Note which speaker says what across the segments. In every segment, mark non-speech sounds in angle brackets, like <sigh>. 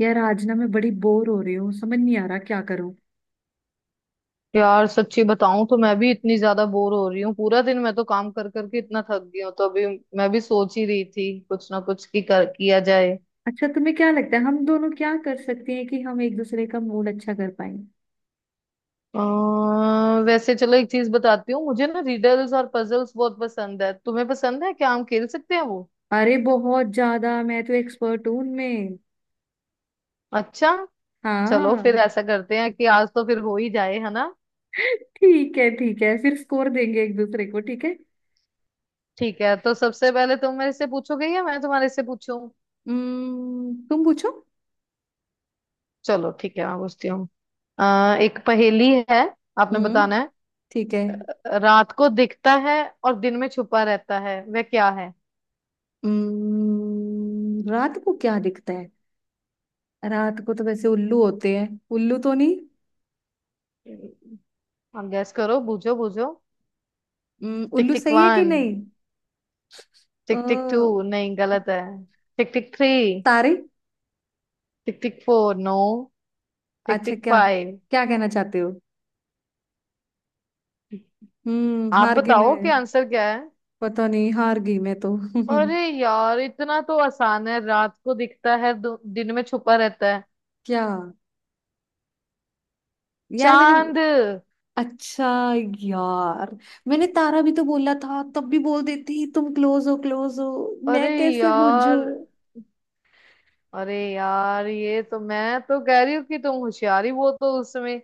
Speaker 1: यार, आज ना मैं बड़ी बोर हो रही हूँ। समझ नहीं आ रहा क्या करूँ।
Speaker 2: यार सच्ची बताऊं तो मैं भी इतनी ज्यादा बोर हो रही हूँ। पूरा दिन मैं तो काम कर करके इतना थक गई हूँ, तो अभी मैं भी सोच ही रही थी कुछ ना कुछ किया जाए।
Speaker 1: अच्छा, तुम्हें क्या लगता है हम दोनों क्या कर सकते हैं कि हम एक दूसरे का मूड अच्छा कर पाए?
Speaker 2: वैसे चलो एक चीज बताती हूँ, मुझे ना रिडल्स और पजल्स बहुत पसंद है। तुम्हें पसंद है क्या? हम खेल सकते हैं वो।
Speaker 1: अरे बहुत ज्यादा! मैं तो एक्सपर्ट हूँ उनमें।
Speaker 2: अच्छा, चलो फिर
Speaker 1: हाँ।
Speaker 2: ऐसा करते हैं कि आज तो फिर हो ही जाए, है ना।
Speaker 1: ठीक है, ठीक है। फिर स्कोर देंगे एक दूसरे को, ठीक है।
Speaker 2: ठीक है, तो सबसे पहले तुम मेरे से पूछोगे या मैं तुम्हारे से पूछूं?
Speaker 1: तुम पूछो।
Speaker 2: चलो ठीक है, मैं पूछती हूँ। एक पहेली है, आपने
Speaker 1: हम्म।
Speaker 2: बताना है।
Speaker 1: ठीक है।
Speaker 2: रात को दिखता है और दिन में छुपा रहता है, वह क्या है?
Speaker 1: रात को क्या दिखता है? रात को तो वैसे उल्लू होते हैं। उल्लू तो नहीं?
Speaker 2: आप गैस करो, बूझो बूझो। टिक
Speaker 1: उल्लू
Speaker 2: टिक
Speaker 1: सही है कि
Speaker 2: वन।
Speaker 1: नहीं? अ,
Speaker 2: टिक टिक टू, नहीं गलत है। टिक टिक थ्री।
Speaker 1: तारे।
Speaker 2: Tick tick four, no. Tick
Speaker 1: अच्छा,
Speaker 2: टिक
Speaker 1: क्या?
Speaker 2: फाइव।
Speaker 1: क्या कहना चाहते हो?
Speaker 2: आप
Speaker 1: हार गई
Speaker 2: बताओ कि
Speaker 1: मैं।
Speaker 2: आंसर क्या है।
Speaker 1: पता नहीं, हार गई मैं तो।
Speaker 2: अरे
Speaker 1: <laughs>
Speaker 2: यार इतना तो आसान है, रात को दिखता है दिन में छुपा रहता है।
Speaker 1: क्या? यार, मैंने।
Speaker 2: चांद।
Speaker 1: अच्छा। यार, मैंने तारा भी तो बोला था। तब भी बोल देती तुम क्लोज हो, क्लोज हो।
Speaker 2: अरे
Speaker 1: मैं कैसे बूझू?
Speaker 2: यार, अरे यार, ये तो मैं तो कह रही हूँ कि तुम होशियारी बहुत हो उसमें।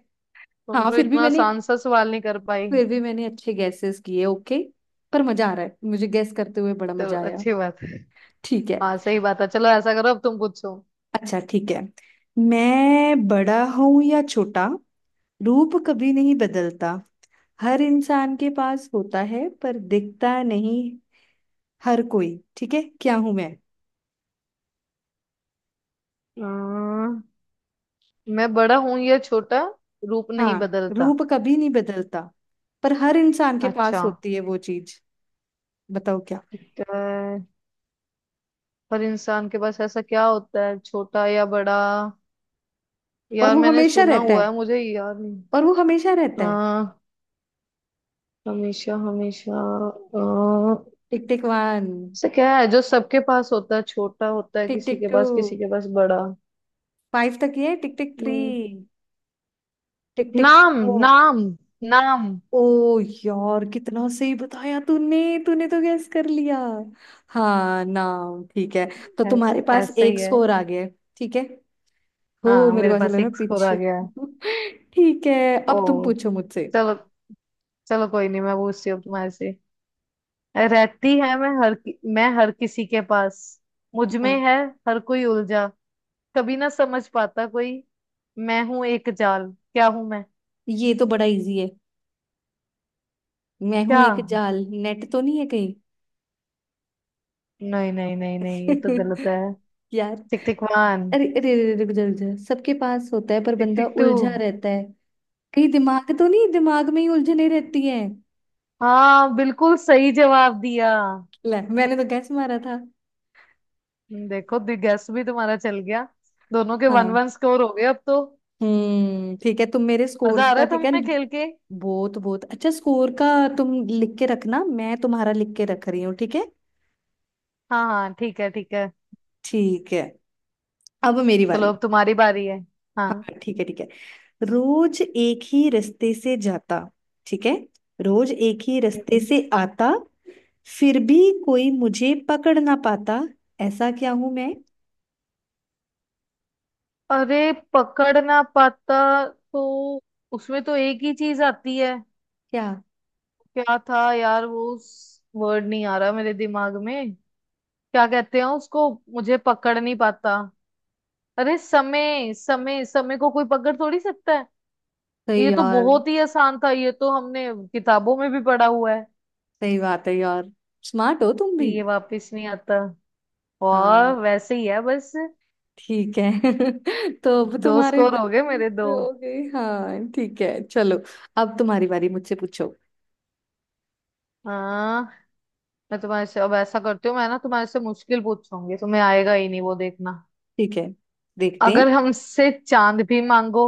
Speaker 2: तुम
Speaker 1: हाँ,
Speaker 2: तो
Speaker 1: फिर भी
Speaker 2: इतना
Speaker 1: मैंने।
Speaker 2: आसान सा सवाल नहीं कर पाई।
Speaker 1: फिर भी मैंने अच्छे गैसेस किए, ओके। पर मजा आ रहा है मुझे गैस करते हुए। बड़ा
Speaker 2: चलो
Speaker 1: मजा आया।
Speaker 2: अच्छी बात है।
Speaker 1: ठीक है।
Speaker 2: हाँ सही बात है, चलो ऐसा करो, अब तुम पूछो।
Speaker 1: अच्छा, ठीक है। मैं बड़ा हूं या छोटा? रूप कभी नहीं बदलता। हर इंसान के पास होता है पर दिखता नहीं। हर कोई। ठीक है, क्या हूं मैं?
Speaker 2: अम्म, मैं बड़ा हूं या छोटा, रूप नहीं
Speaker 1: हाँ,
Speaker 2: बदलता।
Speaker 1: रूप कभी नहीं बदलता। पर हर इंसान के
Speaker 2: अच्छा,
Speaker 1: पास होती है वो चीज। बताओ क्या?
Speaker 2: ठीक है। पर इंसान के पास ऐसा क्या होता है, छोटा या बड़ा?
Speaker 1: और
Speaker 2: यार
Speaker 1: वो
Speaker 2: मैंने
Speaker 1: हमेशा
Speaker 2: सुना
Speaker 1: रहता
Speaker 2: हुआ
Speaker 1: है।
Speaker 2: है, मुझे याद नहीं।
Speaker 1: और वो हमेशा रहता है।
Speaker 2: हाँ, हमेशा हमेशा। अ,
Speaker 1: टिक टिक वन।
Speaker 2: ऐसा क्या है जो सबके पास होता है, छोटा होता है
Speaker 1: टिक
Speaker 2: किसी
Speaker 1: टिक
Speaker 2: के
Speaker 1: टू।
Speaker 2: पास, किसी के पास बड़ा?
Speaker 1: फाइव तक ये। टिक टिक थ्री।
Speaker 2: हम्म,
Speaker 1: टिक टिक
Speaker 2: नाम,
Speaker 1: फोर।
Speaker 2: नाम, नाम।
Speaker 1: ओ, यार, कितना सही बताया तूने! तूने तो गैस कर लिया। हाँ, नाम ठीक है। तो तुम्हारे पास
Speaker 2: ऐसे
Speaker 1: एक
Speaker 2: ही है।
Speaker 1: स्कोर आ गया है, ठीक है। हो,
Speaker 2: हाँ
Speaker 1: मेरे
Speaker 2: मेरे
Speaker 1: को ऐसा लग
Speaker 2: पास
Speaker 1: रहा है
Speaker 2: एक स्कोर आ
Speaker 1: पीछे।
Speaker 2: गया है।
Speaker 1: <laughs> ठीक है।
Speaker 2: ओ,
Speaker 1: अब तुम पूछो मुझसे।
Speaker 2: चलो, चलो कोई नहीं, मैं पूछती हूँ तुम्हारे से। रहती है मैं हर मैं हर किसी के पास, मुझ में
Speaker 1: हम्म।
Speaker 2: है। हर कोई उलझा, कभी ना समझ पाता कोई, मैं हूं एक जाल। क्या हूं मैं?
Speaker 1: ये तो बड़ा इजी है। मैं हूं
Speaker 2: क्या?
Speaker 1: एक जाल? नेट तो नहीं है कहीं?
Speaker 2: नहीं नहीं नहीं नहीं, ये तो गलत है।
Speaker 1: <laughs> यार।
Speaker 2: टिक टिक वन।
Speaker 1: अरे अरे अरे, रुक जा रुक जा। सबके पास होता है पर
Speaker 2: टिक
Speaker 1: बंदा
Speaker 2: टिक टू।
Speaker 1: उलझा रहता है। कहीं दिमाग तो नहीं? दिमाग में ही उलझने रहती है।
Speaker 2: हाँ, बिल्कुल सही जवाब दिया।
Speaker 1: ले, मैंने तो गैस मारा था।
Speaker 2: देखो, गैस भी तुम्हारा चल गया। दोनों के वन
Speaker 1: हाँ।
Speaker 2: वन स्कोर हो गए अब तो।
Speaker 1: ठीक है, तुम मेरे
Speaker 2: मजा
Speaker 1: स्कोर्स
Speaker 2: आ रहा
Speaker 1: का।
Speaker 2: है
Speaker 1: ठीक है।
Speaker 2: तुम्हें खेल के?
Speaker 1: बहुत बहुत अच्छा स्कोर का। तुम लिख के रखना, मैं तुम्हारा लिख के रख रही हूँ, ठीक है।
Speaker 2: हाँ हाँ, ठीक है ठीक है,
Speaker 1: ठीक है। अब मेरी
Speaker 2: चलो
Speaker 1: बारी।
Speaker 2: अब तुम्हारी
Speaker 1: ओके।
Speaker 2: बारी है। हाँ।
Speaker 1: हाँ, ठीक है, ठीक है। रोज एक ही रास्ते से जाता। ठीक है। रोज एक ही रास्ते
Speaker 2: हम्म।
Speaker 1: से आता। फिर भी। कोई मुझे पकड़ ना पाता। ऐसा क्या हूं मैं?
Speaker 2: अरे पकड़ ना पाता, तो उसमें तो एक ही चीज आती है।
Speaker 1: क्या?
Speaker 2: क्या था यार वो, वर्ड नहीं आ रहा मेरे दिमाग में। क्या कहते हैं उसको, मुझे पकड़ नहीं पाता। अरे समय, समय, समय को कोई पकड़ थोड़ी सकता है।
Speaker 1: सही
Speaker 2: ये तो
Speaker 1: यार।
Speaker 2: बहुत ही आसान था, ये तो हमने किताबों में भी पढ़ा हुआ है
Speaker 1: सही बात है यार। स्मार्ट हो तुम
Speaker 2: कि
Speaker 1: भी।
Speaker 2: ये वापस नहीं आता।
Speaker 1: हाँ,
Speaker 2: और वैसे ही है बस।
Speaker 1: ठीक है। <laughs> तो अब
Speaker 2: दो
Speaker 1: तुम्हारे
Speaker 2: स्कोर
Speaker 1: दो
Speaker 2: हो गए मेरे,
Speaker 1: मिनट
Speaker 2: दो।
Speaker 1: हो गए। हाँ, ठीक है, चलो। अब तुम्हारी बारी, मुझसे पूछो।
Speaker 2: हाँ, मैं तुम्हारे से अब ऐसा करती हूँ, मैं ना तुम्हारे से मुश्किल पूछूंगी, तुम्हें आएगा ही नहीं वो, देखना।
Speaker 1: ठीक है। देखते हैं।
Speaker 2: अगर हमसे चांद भी मांगो,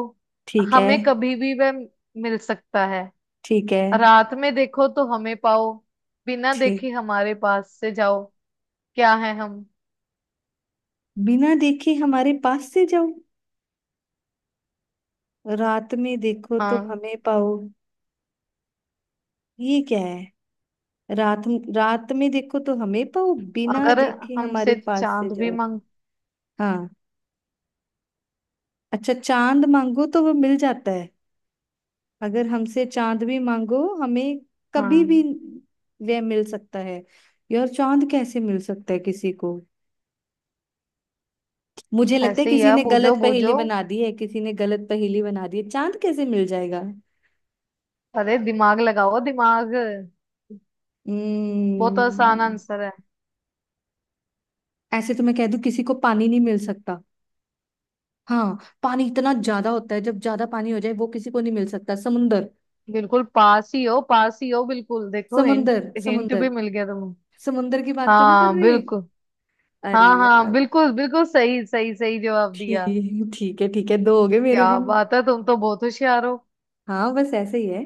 Speaker 1: ठीक है,
Speaker 2: हमें कभी भी वह मिल सकता है।
Speaker 1: ठीक है,
Speaker 2: रात में देखो तो हमें पाओ, बिना
Speaker 1: ठीक।
Speaker 2: देखे हमारे पास से जाओ। क्या है हम?
Speaker 1: बिना देखे हमारे पास से जाओ। रात में देखो तो
Speaker 2: हाँ।
Speaker 1: हमें पाओ। ये क्या है? रात। रात में देखो तो हमें पाओ, बिना
Speaker 2: अगर
Speaker 1: देखे
Speaker 2: हमसे
Speaker 1: हमारे पास से
Speaker 2: चांद भी
Speaker 1: जाओ।
Speaker 2: मांग।
Speaker 1: हाँ। अच्छा, चांद मांगो तो वो मिल जाता है? अगर हमसे चांद भी मांगो हमें। कभी भी।
Speaker 2: हाँ
Speaker 1: वह मिल सकता है। यार, चांद कैसे मिल सकता है किसी को? मुझे लगता है
Speaker 2: ऐसे ही
Speaker 1: किसी
Speaker 2: है,
Speaker 1: ने
Speaker 2: बूझो
Speaker 1: गलत पहेली
Speaker 2: बूझो।
Speaker 1: बना दी है, किसी ने गलत पहेली बना दी है। चांद कैसे मिल जाएगा?
Speaker 2: अरे दिमाग लगाओ दिमाग, बहुत आसान
Speaker 1: हम्म।
Speaker 2: आंसर है।
Speaker 1: ऐसे तो मैं कह दूं किसी को पानी नहीं मिल सकता। हाँ, पानी इतना ज्यादा होता है, जब ज्यादा पानी हो जाए वो किसी को नहीं मिल सकता। समुंदर।
Speaker 2: बिल्कुल पास ही हो, पास ही हो बिल्कुल, देखो हिंट।
Speaker 1: समुंदर,
Speaker 2: हिंट
Speaker 1: समुंदर।
Speaker 2: भी मिल गया तुम्हें।
Speaker 1: समुंदर की बात तो नहीं कर
Speaker 2: हाँ
Speaker 1: रही?
Speaker 2: बिल्कुल।
Speaker 1: अरे
Speaker 2: हाँ हाँ,
Speaker 1: यार।
Speaker 2: बिल्कुल बिल्कुल, सही सही सही जवाब दिया।
Speaker 1: ठीक, ठीक है। ठीक है, दो हो गए मेरे
Speaker 2: क्या
Speaker 1: भी।
Speaker 2: बात है, तुम तो बहुत होशियार हो।
Speaker 1: हाँ, बस ऐसे ही है।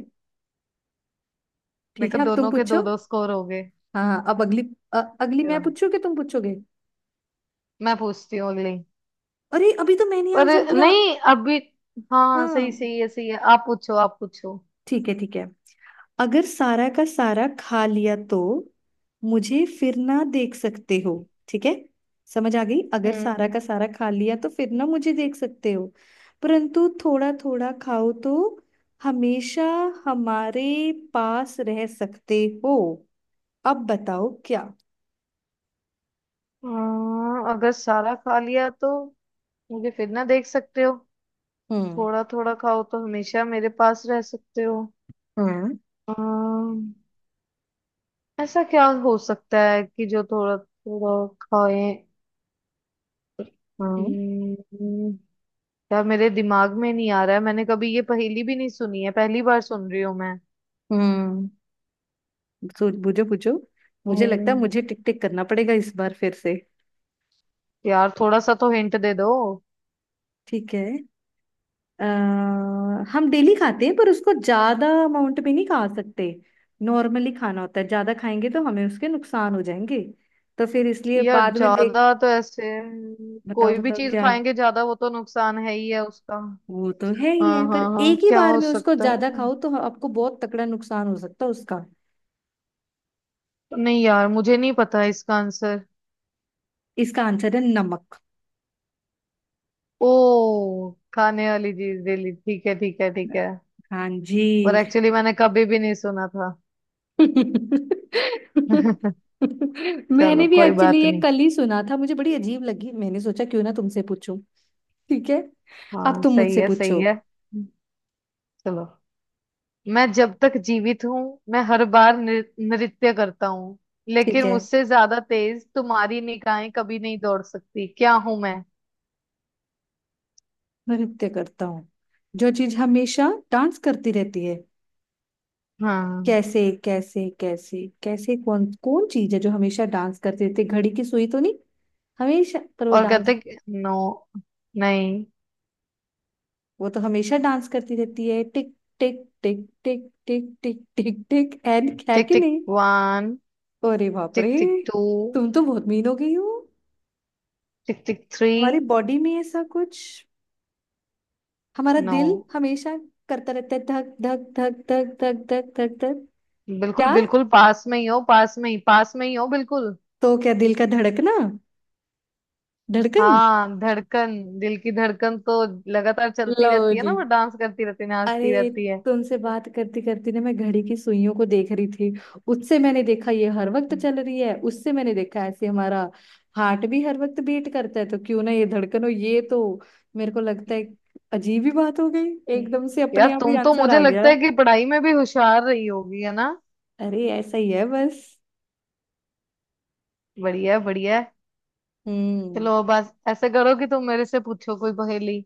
Speaker 1: ठीक
Speaker 2: देखो
Speaker 1: है, अब तुम
Speaker 2: दोनों के दो
Speaker 1: पूछो।
Speaker 2: दो स्कोर हो गए।
Speaker 1: हाँ हाँ, अब अगली। अगली मैं
Speaker 2: चलो
Speaker 1: पूछूं कि तुम पूछोगे?
Speaker 2: मैं पूछती हूँ अगली।
Speaker 1: अरे, अभी तो मैंने
Speaker 2: पर,
Speaker 1: आंसर दिया।
Speaker 2: नहीं अभी। हाँ हाँ,
Speaker 1: हाँ,
Speaker 2: सही सही है, सही है। आप पूछो, आप पूछो।
Speaker 1: ठीक है, ठीक है। अगर सारा का सारा खा लिया तो। मुझे फिर ना देख सकते हो। ठीक है। समझ आ गई। अगर सारा
Speaker 2: हम्म
Speaker 1: का सारा खा लिया तो फिर ना मुझे देख सकते हो। परंतु थोड़ा थोड़ा खाओ तो हमेशा हमारे पास रह सकते हो। अब बताओ क्या?
Speaker 2: हाँ, अगर सारा खा लिया तो मुझे फिर ना देख सकते हो।
Speaker 1: हम्म,
Speaker 2: थोड़ा थोड़ा खाओ तो हमेशा मेरे पास रह सकते
Speaker 1: हम्म,
Speaker 2: हो। ऐसा क्या हो सकता है कि जो थोड़ा थोड़ा खाए?
Speaker 1: हम्म,
Speaker 2: हम्म, यार मेरे दिमाग में नहीं आ रहा है, मैंने कभी ये पहेली भी नहीं सुनी है, पहली बार सुन रही हूँ मैं।
Speaker 1: हम्म। सोच, बुझो बुझो। मुझे लगता है
Speaker 2: हम्म
Speaker 1: मुझे टिक टिक करना पड़ेगा इस बार फिर से।
Speaker 2: यार थोड़ा सा तो हिंट दे दो।
Speaker 1: ठीक है। अ, हम डेली खाते हैं पर उसको ज्यादा अमाउंट में नहीं खा सकते। नॉर्मली खाना होता है, ज्यादा खाएंगे तो हमें उसके नुकसान हो जाएंगे। तो फिर इसलिए
Speaker 2: यार
Speaker 1: बाद में देख।
Speaker 2: ज्यादा तो ऐसे
Speaker 1: बताओ
Speaker 2: कोई भी
Speaker 1: बताओ
Speaker 2: चीज
Speaker 1: क्या?
Speaker 2: खाएंगे ज्यादा, वो तो नुकसान है ही है उसका।
Speaker 1: वो तो है ही
Speaker 2: हाँ
Speaker 1: है, पर
Speaker 2: हाँ हाँ,
Speaker 1: एक ही
Speaker 2: क्या
Speaker 1: बार
Speaker 2: हो
Speaker 1: में उसको
Speaker 2: सकता
Speaker 1: ज्यादा
Speaker 2: है?
Speaker 1: खाओ तो आपको बहुत तकड़ा नुकसान हो सकता है उसका।
Speaker 2: नहीं यार, मुझे नहीं पता इसका आंसर।
Speaker 1: इसका आंसर है नमक।
Speaker 2: ओ, खाने वाली चीज डेली, ठीक है ठीक है ठीक है।
Speaker 1: हाँ जी।
Speaker 2: पर एक्चुअली मैंने कभी भी नहीं सुना था। <laughs>
Speaker 1: <laughs> मैंने
Speaker 2: चलो
Speaker 1: भी
Speaker 2: कोई
Speaker 1: एक्चुअली
Speaker 2: बात
Speaker 1: ये
Speaker 2: नहीं।
Speaker 1: कल ही सुना था। मुझे बड़ी अजीब लगी, मैंने सोचा क्यों ना तुमसे पूछूं। ठीक है। अब
Speaker 2: हाँ
Speaker 1: तुम
Speaker 2: सही
Speaker 1: मुझसे
Speaker 2: है, सही
Speaker 1: पूछो।
Speaker 2: है। चलो, मैं जब तक जीवित हूँ, मैं हर बार नृत्य करता हूँ,
Speaker 1: ठीक
Speaker 2: लेकिन
Speaker 1: है।
Speaker 2: मुझसे ज्यादा तेज तुम्हारी निगाहें कभी नहीं दौड़ सकती। क्या हूं मैं?
Speaker 1: मैं नृत्य करता हूँ। जो चीज हमेशा डांस करती रहती है?
Speaker 2: हाँ।
Speaker 1: कैसे कैसे, कैसे कैसे, कौन कौन चीज है जो हमेशा डांस करती रहती है? घड़ी की सुई तो नहीं? हमेशा पर वो
Speaker 2: और
Speaker 1: डांस।
Speaker 2: नो, नहीं।
Speaker 1: वो तो हमेशा डांस करती रहती है टिक टिक टिक टिक टिक टिक टिक टिक एंड, क्या
Speaker 2: टिक
Speaker 1: कि
Speaker 2: टिक
Speaker 1: नहीं?
Speaker 2: वन।
Speaker 1: अरे बाप रे!
Speaker 2: टिक टिक टू।
Speaker 1: तुम तो बहुत मीन हो गई हो।
Speaker 2: Tick tick three.
Speaker 1: हमारी बॉडी में ऐसा कुछ। हमारा
Speaker 2: नो।
Speaker 1: दिल हमेशा। करता रहता है धक धक, धक धक, धक धक, धक धक।
Speaker 2: बिल्कुल
Speaker 1: क्या?
Speaker 2: बिल्कुल पास में ही हो, पास में ही, पास में ही हो बिल्कुल।
Speaker 1: तो क्या दिल का धड़कना? धड़कन।
Speaker 2: हाँ, धड़कन। दिल की धड़कन तो लगातार चलती
Speaker 1: लो
Speaker 2: रहती है ना,
Speaker 1: जी।
Speaker 2: वो डांस करती रहती है, नाचती
Speaker 1: अरे,
Speaker 2: रहती है।
Speaker 1: तुमसे बात करते करते ना, मैं घड़ी की सुइयों को देख रही थी। उससे मैंने देखा ये हर वक्त चल रही है, उससे मैंने देखा ऐसे हमारा। हार्ट भी हर वक्त बीट करता है, तो क्यों ना ये धड़कन हो, ये तो। मेरे को लगता है। अजीब ही बात हो गई। एकदम से
Speaker 2: यार
Speaker 1: अपने आप ही
Speaker 2: तुम तो,
Speaker 1: आंसर
Speaker 2: मुझे
Speaker 1: आ
Speaker 2: लगता
Speaker 1: गया।
Speaker 2: है कि पढ़ाई में भी होशियार रही होगी, है ना?
Speaker 1: अरे, ऐसा ही है बस।
Speaker 2: बढ़िया है, बढ़िया है।
Speaker 1: हम्म।
Speaker 2: चलो बस ऐसे करो कि तुम मेरे से पूछो कोई पहेली।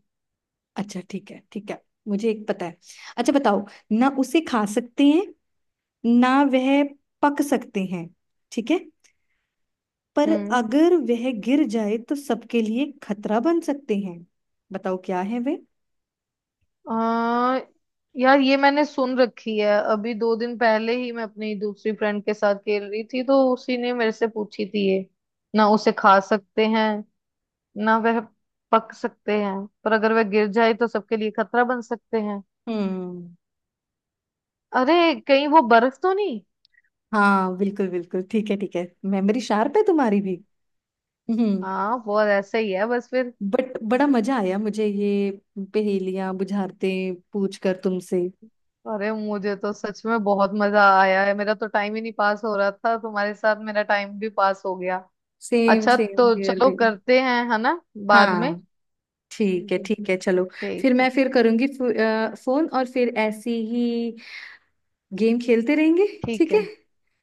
Speaker 1: अच्छा, ठीक है, ठीक है। मुझे एक पता है। अच्छा, बताओ। ना उसे खा सकते हैं। ना वह। पक सकते हैं। ठीक है। पर
Speaker 2: हम्म
Speaker 1: अगर वह गिर जाए तो सबके लिए खतरा बन सकते हैं। बताओ क्या है वे?
Speaker 2: आ, यार ये मैंने सुन रखी है, अभी दो दिन पहले ही मैं अपनी दूसरी फ्रेंड के साथ खेल रही थी, तो उसी ने मेरे से पूछी थी ये। ना उसे खा सकते हैं, ना वह पक सकते हैं, पर अगर वह गिर जाए तो सबके लिए खतरा बन सकते हैं।
Speaker 1: हम्म।
Speaker 2: अरे, कहीं वो बर्फ तो नहीं?
Speaker 1: हाँ, बिल्कुल बिल्कुल ठीक है, ठीक है। मेमोरी शार्प है तुम्हारी भी। हम्म।
Speaker 2: हाँ वो ऐसे ही है बस फिर।
Speaker 1: बट बड़ा मजा आया मुझे ये। पहेलियां बुझारते। पूछ कर तुमसे।
Speaker 2: अरे मुझे तो सच में बहुत मजा आया है, मेरा तो टाइम ही नहीं पास हो रहा था, तुम्हारे साथ मेरा टाइम भी पास हो गया।
Speaker 1: सेम
Speaker 2: अच्छा
Speaker 1: सेम
Speaker 2: तो
Speaker 1: हियर
Speaker 2: चलो
Speaker 1: भी।
Speaker 2: करते हैं, है ना, बाद में।
Speaker 1: हाँ, ठीक है,
Speaker 2: जी,
Speaker 1: ठीक है, चलो। फिर
Speaker 2: ठीक
Speaker 1: मैं
Speaker 2: है
Speaker 1: फिर करूंगी फोन और फिर ऐसी ही। गेम खेलते रहेंगे।
Speaker 2: ठीक
Speaker 1: ठीक
Speaker 2: है।
Speaker 1: है।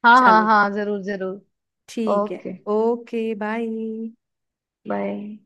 Speaker 2: हाँ हाँ
Speaker 1: चलो।
Speaker 2: हाँ, जरूर जरूर।
Speaker 1: ठीक है।
Speaker 2: Okay
Speaker 1: okay, bye.
Speaker 2: बाय।